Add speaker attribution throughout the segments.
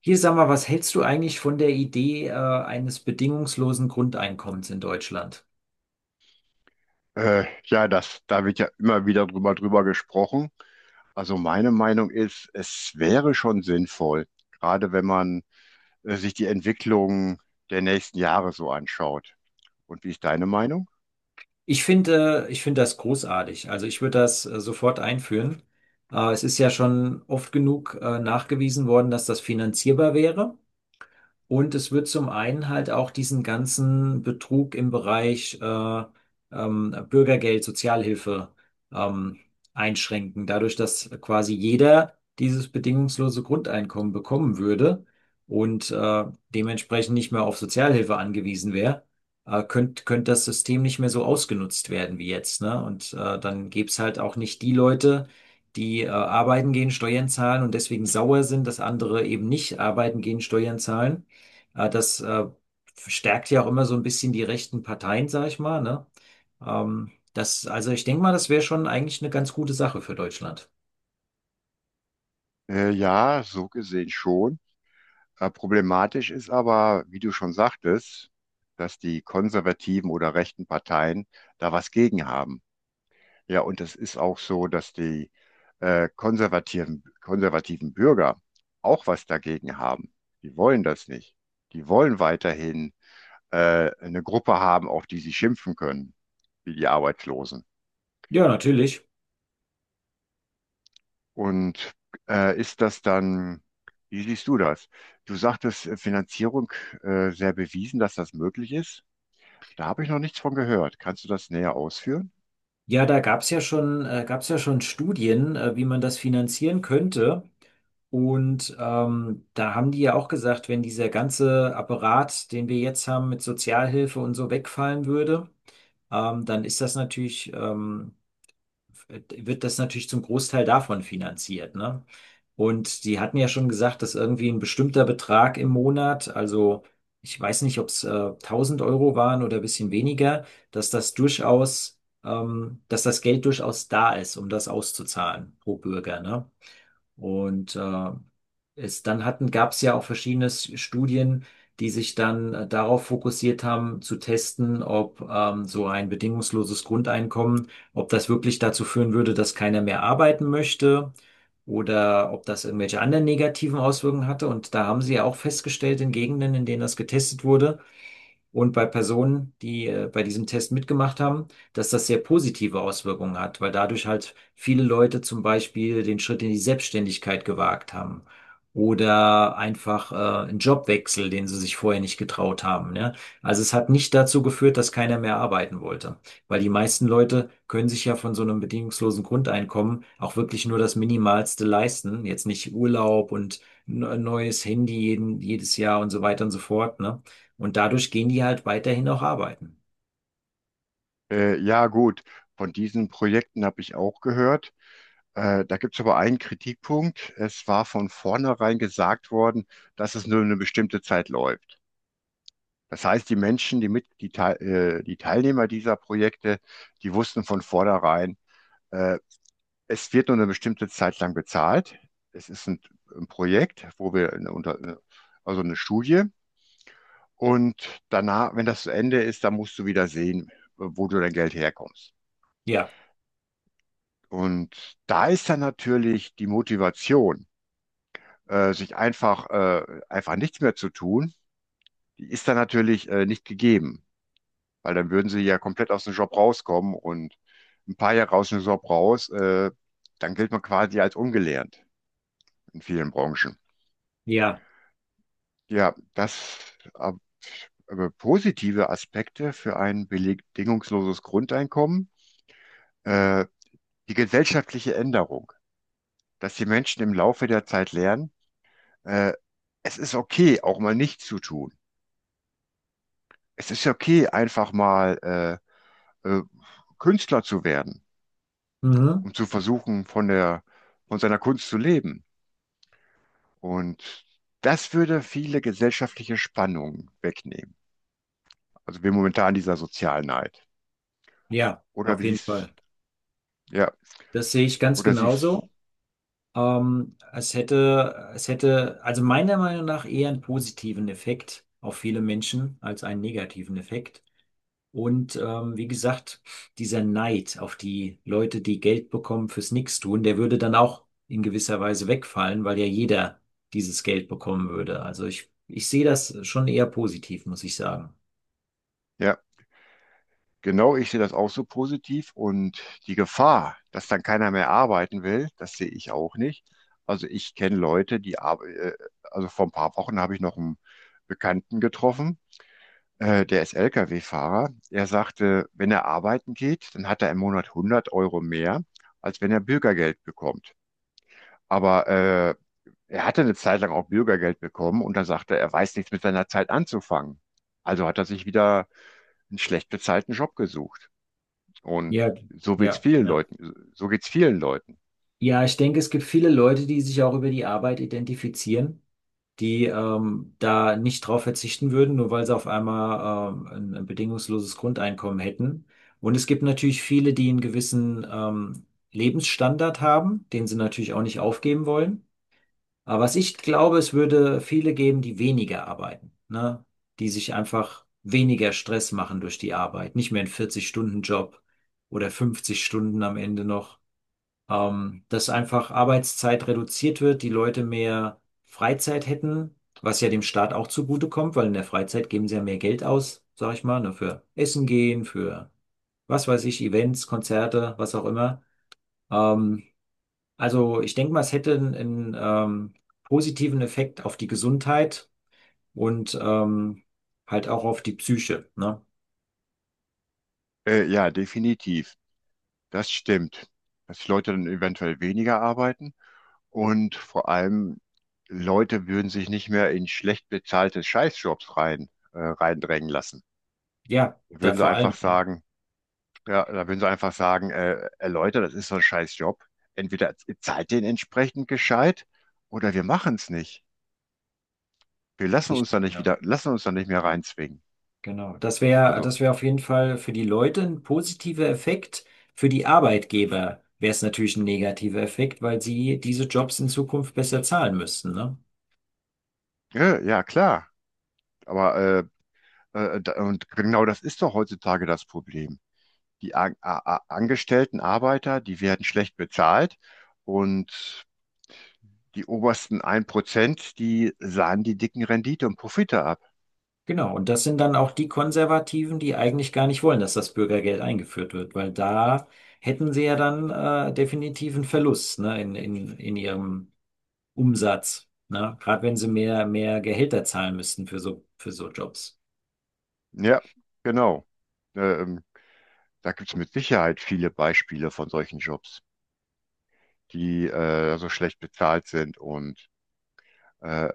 Speaker 1: Hier, sag mal, was hältst du eigentlich von der Idee, eines bedingungslosen Grundeinkommens in Deutschland?
Speaker 2: Da wird ja immer wieder drüber gesprochen. Also meine Meinung ist, es wäre schon sinnvoll, gerade wenn man sich die Entwicklung der nächsten Jahre so anschaut. Und wie ist deine Meinung?
Speaker 1: Ich finde das großartig. Also ich würde das, sofort einführen. Es ist ja schon oft genug, nachgewiesen worden, dass das finanzierbar wäre. Und es wird zum einen halt auch diesen ganzen Betrug im Bereich Bürgergeld, Sozialhilfe ähm, einschränken, dadurch, dass quasi jeder dieses bedingungslose Grundeinkommen bekommen würde und dementsprechend nicht mehr auf Sozialhilfe angewiesen wäre, könnte könnt das System nicht mehr so ausgenutzt werden wie jetzt, ne? Und dann gäbe es halt auch nicht die Leute, die arbeiten gehen, Steuern zahlen und deswegen sauer sind, dass andere eben nicht arbeiten gehen, Steuern zahlen, das stärkt ja auch immer so ein bisschen die rechten Parteien, sag ich mal, ne? Das, also ich denke mal, das wäre schon eigentlich eine ganz gute Sache für Deutschland.
Speaker 2: Ja, so gesehen schon. Problematisch ist aber, wie du schon sagtest, dass die konservativen oder rechten Parteien da was gegen haben. Ja, und es ist auch so, dass die konservativen Bürger auch was dagegen haben. Die wollen das nicht. Die wollen weiterhin eine Gruppe haben, auf die sie schimpfen können, wie die Arbeitslosen.
Speaker 1: Ja, natürlich.
Speaker 2: Und äh, ist das dann, wie siehst du das? Du sagtest Finanzierung sehr bewiesen, dass das möglich ist. Da habe ich noch nichts von gehört. Kannst du das näher ausführen?
Speaker 1: Ja, da gab's ja schon Studien, wie man das finanzieren könnte. Und da haben die ja auch gesagt, wenn dieser ganze Apparat, den wir jetzt haben mit Sozialhilfe und so, wegfallen würde, dann ist das natürlich wird das natürlich zum Großteil davon finanziert, ne? Und die hatten ja schon gesagt, dass irgendwie ein bestimmter Betrag im Monat, also ich weiß nicht, ob es 1000 € waren oder ein bisschen weniger, dass das durchaus, dass das Geld durchaus da ist, um das auszuzahlen pro Bürger, ne? Und gab es ja auch verschiedene Studien, die sich dann darauf fokussiert haben, zu testen, ob so ein bedingungsloses Grundeinkommen, ob das wirklich dazu führen würde, dass keiner mehr arbeiten möchte oder ob das irgendwelche anderen negativen Auswirkungen hatte. Und da haben sie ja auch festgestellt, in Gegenden, in denen das getestet wurde, und bei Personen, die bei diesem Test mitgemacht haben, dass das sehr positive Auswirkungen hat, weil dadurch halt viele Leute zum Beispiel den Schritt in die Selbstständigkeit gewagt haben oder einfach einen Jobwechsel, den sie sich vorher nicht getraut haben. Ne? Also es hat nicht dazu geführt, dass keiner mehr arbeiten wollte, weil die meisten Leute können sich ja von so einem bedingungslosen Grundeinkommen auch wirklich nur das Minimalste leisten, jetzt nicht Urlaub und ein neues Handy jedes Jahr und so weiter und so fort, ne? Und dadurch gehen die halt weiterhin auch arbeiten.
Speaker 2: Ja, gut. Von diesen Projekten habe ich auch gehört. Da gibt es aber einen Kritikpunkt. Es war von vornherein gesagt worden, dass es nur eine bestimmte Zeit läuft. Das heißt, die Menschen, die Teilnehmer dieser Projekte, die wussten von vornherein, äh, es wird nur eine bestimmte Zeit lang bezahlt. Es ist ein Projekt, wo wir eine, unter, eine- also eine Studie. Und danach, wenn das zu Ende ist, dann musst du wieder sehen, wo du dein Geld herkommst.
Speaker 1: Ja,
Speaker 2: Und da ist dann natürlich die Motivation, einfach nichts mehr zu tun, die ist dann natürlich nicht gegeben, weil dann würden sie ja komplett aus dem Job rauskommen und ein paar Jahre aus dem Job raus, dann gilt man quasi als ungelernt in vielen Branchen.
Speaker 1: ja,
Speaker 2: Ja, das ab- aber positive Aspekte für ein bedingungsloses Grundeinkommen, äh, die gesellschaftliche Änderung, dass die Menschen im Laufe der Zeit lernen, äh, es ist okay, auch mal nichts zu tun. Es ist okay, einfach mal äh, Künstler zu werden,
Speaker 1: mhm.
Speaker 2: um zu versuchen, von seiner Kunst zu leben. Und das würde viele gesellschaftliche Spannungen wegnehmen. Also wir momentan in dieser Sozialneid.
Speaker 1: Ja,
Speaker 2: Oder
Speaker 1: auf
Speaker 2: wie
Speaker 1: jeden
Speaker 2: siehst,
Speaker 1: Fall.
Speaker 2: ja,
Speaker 1: Das sehe ich ganz
Speaker 2: oder siehst,
Speaker 1: genauso. Es hätte also meiner Meinung nach eher einen positiven Effekt auf viele Menschen als einen negativen Effekt. Und wie gesagt, dieser Neid auf die Leute, die Geld bekommen fürs Nichtstun, der würde dann auch in gewisser Weise wegfallen, weil ja jeder dieses Geld bekommen würde. Also ich sehe das schon eher positiv, muss ich sagen.
Speaker 2: ja, genau, ich sehe das auch so positiv, und die Gefahr, dass dann keiner mehr arbeiten will, das sehe ich auch nicht. Also ich kenne also vor ein paar Wochen habe ich noch einen Bekannten getroffen, der ist Lkw-Fahrer. Er sagte, wenn er arbeiten geht, dann hat er im Monat 100 Euro mehr, als wenn er Bürgergeld bekommt. Aber er hatte eine Zeit lang auch Bürgergeld bekommen, und dann sagte er, er weiß nichts mit seiner Zeit anzufangen. Also hat er sich wieder einen schlecht bezahlten Job gesucht. Und
Speaker 1: Ja,
Speaker 2: so geht's
Speaker 1: ja,
Speaker 2: vielen
Speaker 1: ja.
Speaker 2: Leuten. So geht's vielen Leuten.
Speaker 1: Ja, ich denke, es gibt viele Leute, die sich auch über die Arbeit identifizieren, die da nicht drauf verzichten würden, nur weil sie auf einmal ein bedingungsloses Grundeinkommen hätten. Und es gibt natürlich viele, die einen gewissen Lebensstandard haben, den sie natürlich auch nicht aufgeben wollen. Aber was ich glaube, es würde viele geben, die weniger arbeiten, ne? Die sich einfach weniger Stress machen durch die Arbeit, nicht mehr einen 40-Stunden-Job oder 50 Stunden am Ende noch. Dass einfach Arbeitszeit reduziert wird, die Leute mehr Freizeit hätten, was ja dem Staat auch zugutekommt, weil in der Freizeit geben sie ja mehr Geld aus, sag ich mal, ne, für Essen gehen, für was weiß ich, Events, Konzerte, was auch immer. Ähm, also ich denke mal, es hätte einen positiven Effekt auf die Gesundheit und halt auch auf die Psyche, ne?
Speaker 2: Ja, definitiv. Das stimmt. Dass die Leute dann eventuell weniger arbeiten. Und vor allem, Leute würden sich nicht mehr in schlecht bezahlte Scheißjobs reindrängen lassen.
Speaker 1: Ja,
Speaker 2: Da
Speaker 1: da
Speaker 2: würden sie
Speaker 1: vor allem,
Speaker 2: einfach
Speaker 1: ja.
Speaker 2: sagen, Leute, das ist so ein Scheißjob. Entweder ihr zahlt den entsprechend gescheit oder wir machen es nicht. Wir lassen uns
Speaker 1: Richtig,
Speaker 2: da nicht
Speaker 1: ja.
Speaker 2: wieder, lassen uns da nicht mehr reinzwingen.
Speaker 1: Genau.
Speaker 2: Also,
Speaker 1: Das wäre auf jeden Fall für die Leute ein positiver Effekt. Für die Arbeitgeber wäre es natürlich ein negativer Effekt, weil sie diese Jobs in Zukunft besser zahlen müssten, ne?
Speaker 2: ja, ja, klar. Aber und genau das ist doch heutzutage das Problem. Die An- A- A- angestellten Arbeiter, die werden schlecht bezahlt, und die obersten ein Prozent, die sahen die dicken Rendite und Profite ab.
Speaker 1: Genau. Und das sind dann auch die Konservativen, die eigentlich gar nicht wollen, dass das Bürgergeld eingeführt wird, weil da hätten sie ja dann definitiv einen Verlust, ne, in ihrem Umsatz, ne? Gerade wenn sie mehr Gehälter zahlen müssten für für so Jobs.
Speaker 2: Ja, genau. Ähm, Da gibt es mit Sicherheit viele Beispiele von solchen Jobs, die so schlecht bezahlt sind. Und äh,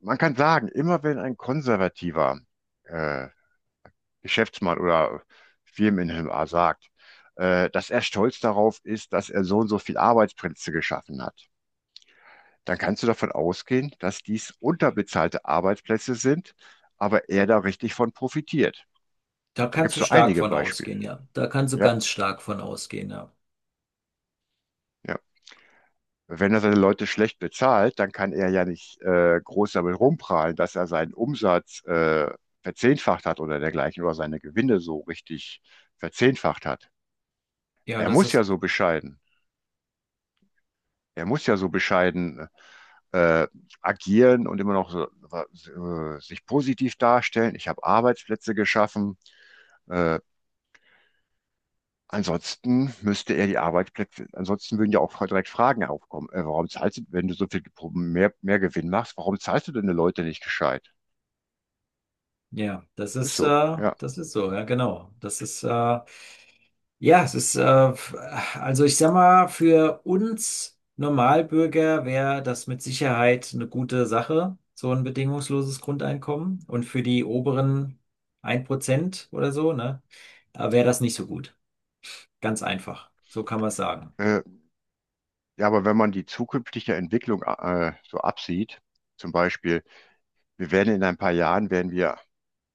Speaker 2: man kann sagen, immer wenn ein konservativer äh, Geschäftsmann oder Firmeninhaber sagt, dass er stolz darauf ist, dass er so und so viel Arbeitsplätze geschaffen hat, dann kannst du davon ausgehen, dass dies unterbezahlte Arbeitsplätze sind, aber er da richtig von profitiert.
Speaker 1: Da
Speaker 2: Da gibt
Speaker 1: kannst
Speaker 2: es
Speaker 1: du
Speaker 2: so
Speaker 1: stark
Speaker 2: einige
Speaker 1: von
Speaker 2: Beispiele.
Speaker 1: ausgehen, ja. Da kannst du
Speaker 2: Ja,
Speaker 1: ganz stark von ausgehen, ja.
Speaker 2: ja. Wenn er seine Leute schlecht bezahlt, dann kann er ja nicht groß damit rumprahlen, dass er seinen Umsatz verzehnfacht hat oder dergleichen, oder seine Gewinne so richtig verzehnfacht hat.
Speaker 1: Ja,
Speaker 2: Er
Speaker 1: das
Speaker 2: muss
Speaker 1: ist,
Speaker 2: ja so bescheiden. Er muss ja so bescheiden äh, agieren und immer noch so, sich positiv darstellen. Ich habe Arbeitsplätze geschaffen. Äh, Ansonsten müsste er die Arbeitsplätze, ansonsten würden ja auch direkt Fragen aufkommen. Warum zahlst du, wenn du so viel mehr Gewinn machst, warum zahlst du deine Leute nicht gescheit?
Speaker 1: ja,
Speaker 2: Ist so, ja.
Speaker 1: das ist so, ja, genau. Das ist, ja, es ist, f- also ich sag mal, für uns Normalbürger wäre das mit Sicherheit eine gute Sache, so ein bedingungsloses Grundeinkommen. Und für die oberen 1 Prozent oder so, ne, wäre das nicht so gut. Ganz einfach. So kann man es sagen.
Speaker 2: Äh, ja, aber wenn man die zukünftige Entwicklung so absieht, zum Beispiel, wir werden in ein paar Jahren werden wir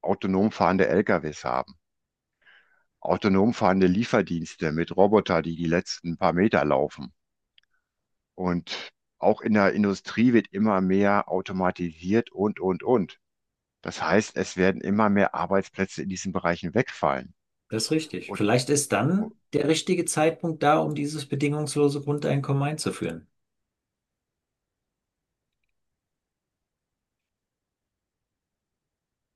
Speaker 2: autonom fahrende LKWs haben, autonom fahrende Lieferdienste mit Roboter, die die letzten paar Meter laufen. Und auch in der Industrie wird immer mehr automatisiert und, und. Das heißt, es werden immer mehr Arbeitsplätze in diesen Bereichen wegfallen.
Speaker 1: Das ist richtig.
Speaker 2: Und,
Speaker 1: Vielleicht ist
Speaker 2: und
Speaker 1: dann der richtige Zeitpunkt da, um dieses bedingungslose Grundeinkommen einzuführen.